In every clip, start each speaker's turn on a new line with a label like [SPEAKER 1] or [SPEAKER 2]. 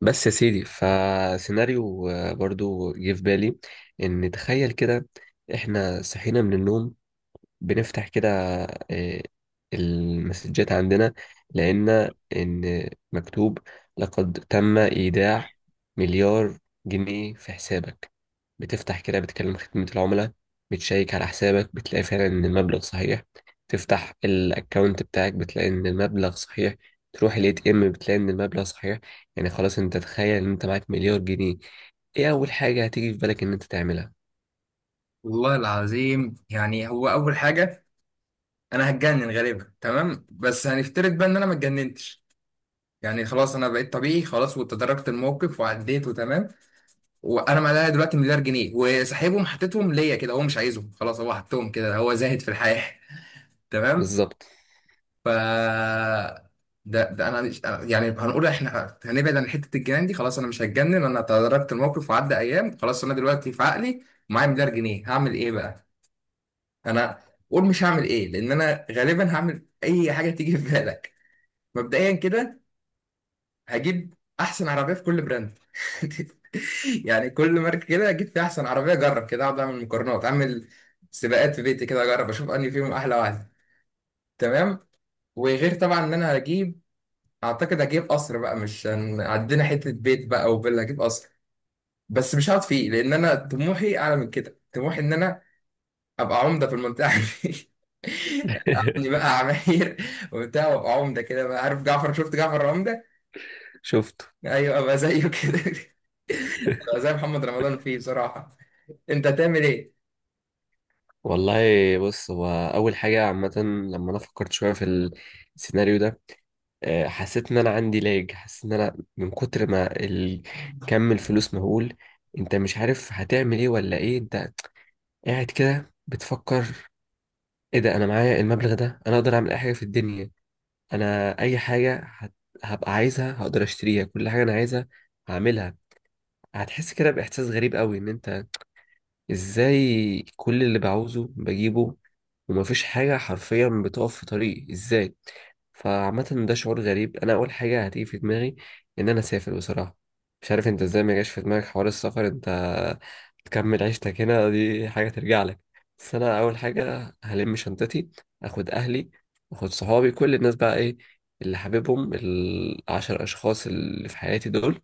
[SPEAKER 1] بس يا سيدي فسيناريو برضو جه في بالي ان تخيل كده. احنا صحينا من النوم بنفتح كده، آه، المسجات عندنا، لقينا إن مكتوب لقد تم إيداع مليار جنيه في حسابك. بتفتح كده بتكلم خدمة العملاء، بتشيك على حسابك بتلاقي فعلا إن المبلغ صحيح، تفتح الأكاونت بتاعك بتلاقي إن المبلغ صحيح، تروح الاي تي ام بتلاقي ان المبلغ صحيح. يعني خلاص انت تخيل ان انت معاك مليار جنيه، ايه اول حاجة هتيجي في بالك ان انت تعملها؟
[SPEAKER 2] والله العظيم. هو اول حاجه انا هتجنن غالبا. تمام، بس هنفترض بقى ان انا ما اتجننتش. خلاص انا بقيت طبيعي، خلاص، وتداركت الموقف وعديت وتمام. وانا معايا دلوقتي مليار جنيه وسحبهم حطيتهم ليا كده، هو مش عايزهم خلاص، هو حطهم كده، هو زاهد في الحياه. تمام.
[SPEAKER 1] بالظبط.
[SPEAKER 2] ف ده انا مش هنقول احنا هنبعد عن حته الجنان دي، خلاص انا مش هتجنن، انا تداركت الموقف وعدى ايام، خلاص انا دلوقتي في عقلي معايا مليار جنيه هعمل ايه بقى. انا قول مش هعمل ايه، لان انا غالبا هعمل اي حاجه تيجي في بالك. مبدئيا كده هجيب احسن عربيه في كل براند. كل ماركه كده هجيب فيها احسن عربيه، اجرب كده، اقعد اعمل مقارنات، اعمل سباقات في بيتي كده، اجرب اشوف انهي فيهم احلى واحده. تمام. وغير طبعا ان انا هجيب، اعتقد هجيب قصر بقى. مش هن- عندنا حته بيت بقى وفيلا، هجيب قصر، بس مش هقعد فيه لان انا طموحي اعلى من كده. طموحي ان انا ابقى عمده في المنطقه دي. اقضي بقى عماير وبتاع وابقى عمده كده بقى. عارف جعفر؟ شفت جعفر عمده؟
[SPEAKER 1] شفت.
[SPEAKER 2] ايوه، ابقى زيه كده. ابقى زي محمد رمضان فيه بصراحه. انت تعمل ايه؟
[SPEAKER 1] والله. بص، هو أول حاجة عامة لما أنا فكرت شوية في السيناريو ده، حسيت إن أنا عندي لاج. حسيت إن أنا من كتر ما كم الفلوس مهول، أنت مش عارف هتعمل إيه ولا إيه. أنت قاعد كده بتفكر إيه ده، أنا معايا المبلغ ده أنا أقدر أعمل أي حاجة في الدنيا. أنا أي هبقى عايزها هقدر أشتريها، كل حاجة أنا عايزها هعملها. هتحس كده بإحساس غريب قوي، إن أنت ازاي كل اللي بعوزه بجيبه، ومفيش حاجة حرفيا بتقف في طريقي ازاي. فعامة ده شعور غريب. انا اول حاجة هتيجي في دماغي ان انا اسافر بصراحة. مش عارف انت ازاي ما جاش في دماغك حوار السفر، انت تكمل عيشتك هنا، دي حاجة ترجع لك. بس انا اول حاجة هلم شنطتي، اخد اهلي، اخد صحابي، كل الناس بقى ايه اللي حاببهم، العشر اشخاص اللي في حياتي دول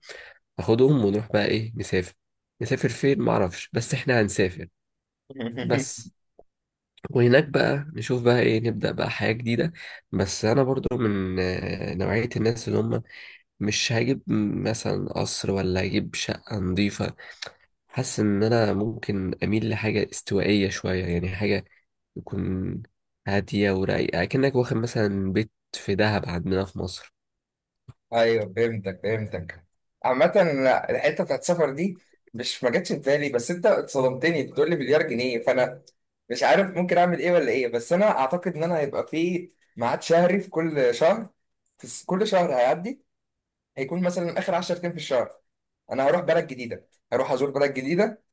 [SPEAKER 1] اخدهم ونروح بقى ايه نسافر. نسافر فين معرفش، بس احنا هنسافر بس. وهناك بقى نشوف بقى ايه، نبدأ بقى حياة جديدة. بس انا برضو من نوعية الناس اللي هم مش هجيب مثلا قصر، ولا هجيب شقة نظيفة. حاسس ان انا ممكن اميل لحاجة استوائية شوية، يعني حاجة تكون هادية ورايقة، كأنك واخد مثلا بيت في دهب عندنا في مصر.
[SPEAKER 2] ايوه فهمتك، فهمتك. عامة لا، الحتة بتاعت السفر دي مش ما جاتش في بالي، بس انت اتصدمتني بتقول لي مليار جنيه، فانا مش عارف ممكن اعمل ايه ولا ايه. بس انا اعتقد ان انا هيبقى في ميعاد شهري في كل شهر. كل شهر هيعدي هيكون مثلا اخر 10 ايام في الشهر، انا هروح بلد جديده، هروح ازور بلد جديده،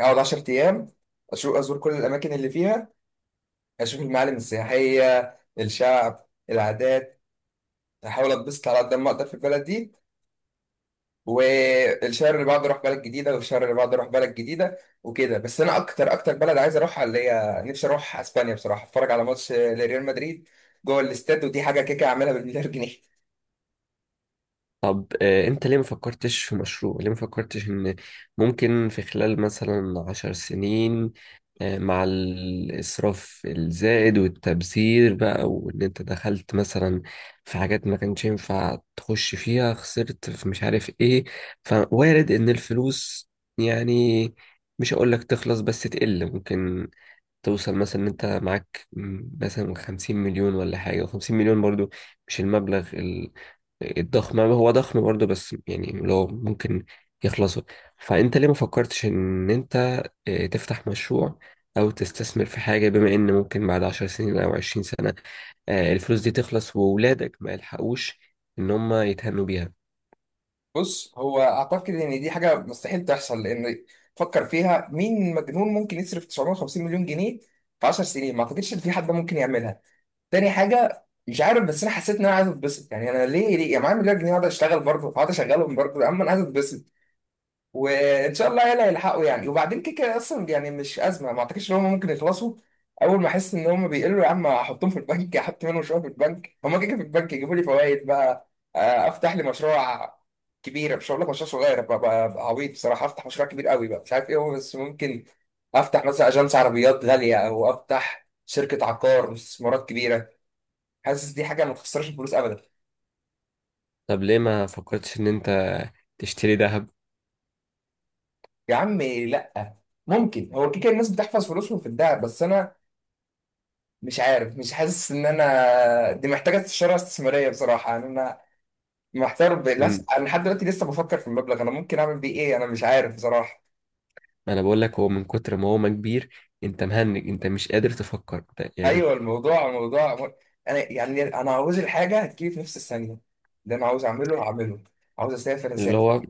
[SPEAKER 2] هقعد 10 ايام اشوف ازور كل الاماكن اللي فيها، اشوف المعالم السياحيه، الشعب، العادات، احاول اتبسط على قد ما اقدر في البلد دي. والشهر اللي بعده اروح بلد جديده، والشهر اللي بعده اروح بلد جديده، وكده. بس انا اكتر اكتر بلد عايز اروحها، اللي هي نفسي اروح اسبانيا بصراحه، اتفرج على ماتش لريال مدريد جوه الاستاد، ودي حاجه كيكه اعملها بالمليار جنيه.
[SPEAKER 1] طب انت ليه ما فكرتش في مشروع؟ ليه ما فكرتش ان ممكن في خلال مثلا عشر سنين، مع الاسراف الزائد والتبذير بقى، وان انت دخلت مثلا في حاجات ما كانش ينفع تخش فيها، خسرت في مش عارف ايه، فوارد ان الفلوس يعني، مش هقول لك تخلص، بس تقل، ممكن توصل مثلا ان انت معاك مثلا 50 مليون ولا حاجة. 50 مليون برضو مش المبلغ الضخم، هو ضخم برضه بس يعني لو ممكن يخلصوا. فانت ليه ما فكرتش ان انت تفتح مشروع، او تستثمر في حاجة، بما ان ممكن بعد عشر سنين او عشرين سنة الفلوس دي تخلص، وولادك ما يلحقوش ان هم يتهنوا بيها.
[SPEAKER 2] بص، هو اعتقد ان دي حاجه مستحيل تحصل، لان فكر فيها، مين مجنون ممكن يصرف 950 مليون جنيه في 10 سنين؟ ما اعتقدش ان في حد ممكن يعملها. تاني حاجه، مش عارف، بس انا حسيت ان انا عايز اتبسط. انا ليه، يا معايا مليار جنيه اقعد اشتغل برضه، اقعد اشغلهم برضه، اما انا عايز اتبسط. وان شاء الله يلا يلحقوا وبعدين كده كده اصلا، مش ازمه، ما اعتقدش ان هم ممكن يخلصوا. اول ما احس ان هم بيقلوا، يا عم احطهم في البنك، احط منهم شويه في البنك، هم كده كده في البنك يجيبوا لي فوائد بقى. افتح لي مشروع كبير، مش هقول لك مشروع صغير بقى بقى عبيط بصراحه. افتح مشروع كبير قوي بقى، مش عارف ايه هو، بس ممكن افتح مثلا اجانس عربيات غاليه، او افتح شركه عقار واستثمارات كبيره. حاسس دي حاجه ما تخسرش الفلوس ابدا.
[SPEAKER 1] طب ليه ما فكرتش ان انت تشتري ذهب؟
[SPEAKER 2] يا عم لا. ممكن، هو كده كده الناس بتحفظ فلوسهم في الدهب، بس انا مش عارف، مش حاسس ان انا، دي محتاجه استشاره استثماريه بصراحه. انا محتار
[SPEAKER 1] مم،
[SPEAKER 2] انا لحد دلوقتي لسه بفكر في المبلغ انا ممكن اعمل بيه ايه، انا مش عارف بصراحه.
[SPEAKER 1] انا بقول لك هو من كتر ما هو ما كبير، انت مهنج، انت مش قادر تفكر أنت يعني.
[SPEAKER 2] ايوه، الموضوع موضوع، انا عاوز الحاجه هتجيلي في نفس الثانيه اللي انا عاوز اعمله هعمله. عاوز اسافر
[SPEAKER 1] اللي
[SPEAKER 2] اسافر.
[SPEAKER 1] هو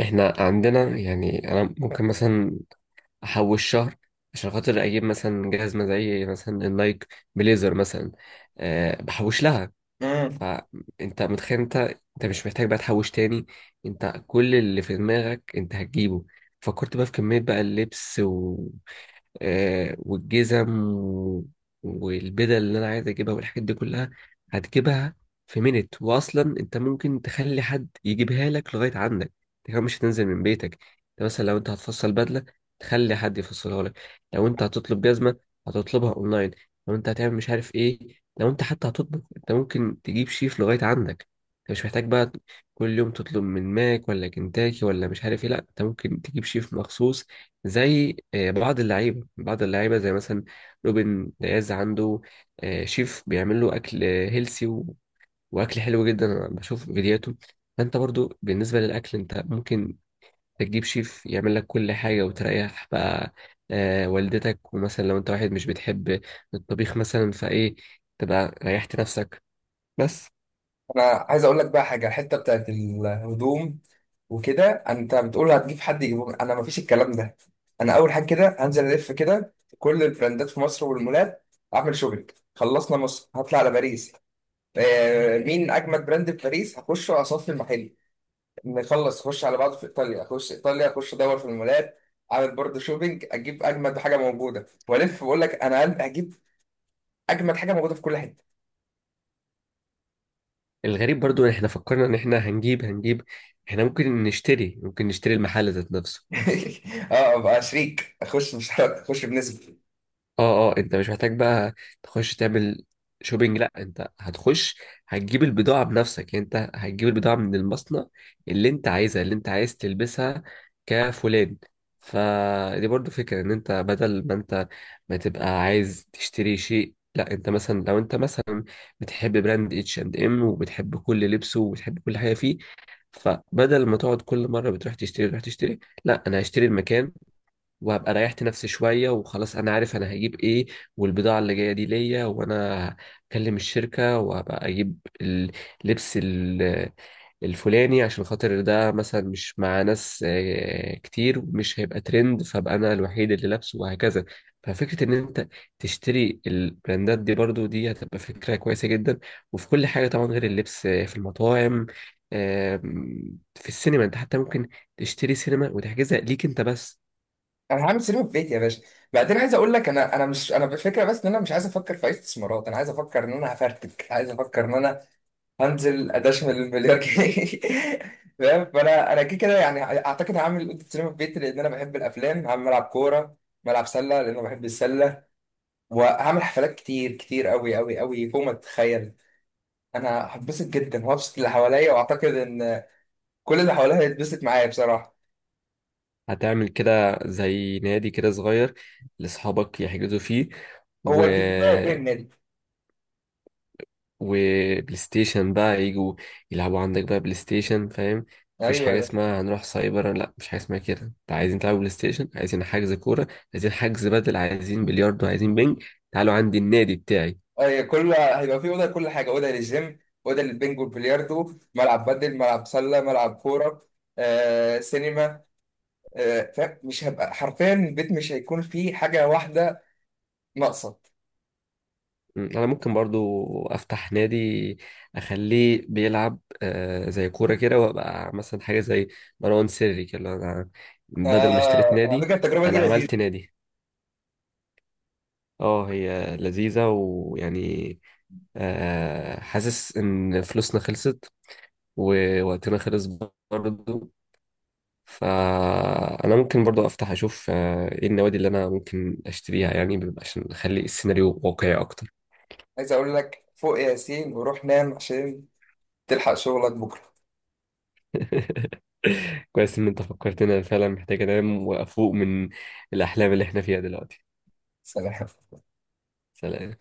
[SPEAKER 1] احنا عندنا، يعني انا ممكن مثلا احوش شهر عشان خاطر اجيب مثلا جهاز مزعج، مثلا النايك بليزر مثلا، أه بحوش لها.
[SPEAKER 2] مم.
[SPEAKER 1] فانت متخيل انت، انت مش محتاج بقى تحوش تاني، انت كل اللي في دماغك انت هتجيبه. فكرت بقى في كمية بقى اللبس والجزم و... والبدل اللي انا عايز اجيبها والحاجات دي كلها هتجيبها في مينت. واصلا انت ممكن تخلي حد يجيبها لك لغاية عندك، انت كمان مش هتنزل من بيتك. انت مثلا لو انت هتفصل بدلة، تخلي حد يفصلها لك. لو انت هتطلب جزمة، هتطلبها اونلاين. لو انت هتعمل مش عارف ايه، لو انت حتى هتطبخ، انت ممكن تجيب شيف لغاية عندك. انت مش محتاج بقى كل يوم تطلب من ماك ولا كنتاكي ولا مش عارف ايه. لا انت ممكن تجيب شيف مخصوص، زي بعض اللعيبة زي مثلا روبن دياز، عنده شيف بيعمل له اكل هيلسي واكل حلو جدا، انا بشوف فيديوهاته. فانت برضو بالنسبة للاكل انت ممكن تجيب شيف يعمل لك كل حاجة وتريح بقى والدتك. ومثلا لو انت واحد مش بتحب الطبيخ مثلا، فايه، تبقى ريحت نفسك بس.
[SPEAKER 2] انا عايز اقول لك بقى حاجه، الحته بتاعت الهدوم وكده انت بتقول هتجيب حد يجيبه، انا مفيش الكلام ده. انا اول حاجه كده هنزل الف كده في كل البراندات في مصر والمولات، اعمل شوبينج، خلصنا مصر هطلع على باريس. مين اجمد براند في باريس هخش واصفي المحل. نخلص اخش على بعض في ايطاليا، اخش ايطاليا اخش ادور في المولات، اعمل برضه شوبينج، اجيب اجمد حاجه موجوده. والف واقول لك انا قلب، هجيب اجمد حاجه موجوده في كل حته.
[SPEAKER 1] الغريب برضو ان احنا فكرنا ان احنا هنجيب، احنا ممكن نشتري، ممكن نشتري المحل ذات نفسه.
[SPEAKER 2] اه ابقى شريك، اخش، مش هخش بنسبه.
[SPEAKER 1] اه اه، انت مش محتاج بقى تخش تعمل شوبينج، لا انت هتخش هتجيب البضاعة بنفسك، يعني انت هتجيب البضاعة من المصنع اللي انت عايزها، اللي انت عايز تلبسها كفلان. فدي برضو فكرة، ان انت بدل ما انت ما تبقى عايز تشتري شيء، لا انت مثلا لو انت مثلا بتحب براند اتش اند ام، وبتحب كل لبسه وبتحب كل حاجة فيه، فبدل ما تقعد كل مرة بتروح تشتري، تروح تشتري، لا انا هشتري المكان، وهبقى ريحت نفسي شوية. وخلاص أنا عارف أنا هجيب إيه، والبضاعة اللي جاية دي ليا، وأنا هكلم الشركة وهبقى أجيب اللبس ال- الفلاني، عشان خاطر ده مثلا مش مع ناس كتير، مش هيبقى ترند، فأبقى أنا الوحيد اللي لابسه، وهكذا. ففكرة إن أنت تشتري البراندات دي برضو، دي هتبقى فكرة كويسة جدا. وفي كل حاجة طبعا، غير اللبس في المطاعم، في السينما أنت حتى ممكن تشتري سينما وتحجزها ليك أنت بس.
[SPEAKER 2] انا هعمل سينما في بيتي يا باشا. بعدين عايز اقول لك، انا انا مش انا بالفكره، بس ان انا مش عايز افكر في اي استثمارات، انا عايز افكر ان انا هفرتك، عايز افكر ان انا هنزل ادشمل المليار جنيه. فاهم؟ فانا كده كده، اعتقد هعمل اوضه سينما في بيتي لان انا بحب الافلام، هعمل ملعب كوره، ملعب سله لان انا بحب السله، وهعمل حفلات كتير كتير قوي قوي قوي فوق ما تتخيل. انا هتبسط جدا وهبسط اللي حواليا، واعتقد ان كل اللي حواليا هيتبسط معايا بصراحه.
[SPEAKER 1] هتعمل كده زي نادي كده صغير لأصحابك يحجزوا فيه،
[SPEAKER 2] هو
[SPEAKER 1] و
[SPEAKER 2] البيت بتاعي فين النادي؟
[SPEAKER 1] وبلاي ستيشن بقى يجوا يلعبوا عندك بقى بلاي ستيشن، فاهم؟ مفيش حاجة
[SPEAKER 2] ايوه.
[SPEAKER 1] اسمها هنروح سايبر، لا مفيش حاجة اسمها كده. انت عايزين تلعبوا بلاي ستيشن، عايزين حجز كورة، عايزين حجز بدل، عايزين بلياردو، عايزين بينج، تعالوا عندي النادي بتاعي.
[SPEAKER 2] أي كل هيبقى في أوضة، لكل حاجة أوضة، للجيم أوضة، للبنج والبلياردو، ملعب بدل، ملعب سلة، ملعب كورة، سينما. فاهم؟ مش هبقى حرفيا، البيت مش هيكون فيه حاجة واحدة ناقصة.
[SPEAKER 1] انا ممكن برضو افتح نادي، اخليه بيلعب زي كوره كده، وابقى مثلا حاجه زي مروان سري كده، اللي هو انا بدل ما اشتريت
[SPEAKER 2] على
[SPEAKER 1] نادي،
[SPEAKER 2] فكرة التجربة دي
[SPEAKER 1] انا عملت
[SPEAKER 2] لذيذة.
[SPEAKER 1] نادي. اه هي لذيذه، ويعني حاسس ان فلوسنا خلصت ووقتنا خلص برضو. فانا ممكن برضو افتح اشوف ايه النوادي اللي انا ممكن اشتريها، يعني عشان اخلي السيناريو واقعي اكتر.
[SPEAKER 2] عايز أقول لك فوق يا ياسين وروح نام عشان تلحق شغلك بكرة.
[SPEAKER 1] كويس ان انت فكرتنا، فعلا محتاج انام وافوق من الاحلام اللي احنا فيها دلوقتي.
[SPEAKER 2] سلام.
[SPEAKER 1] سلام.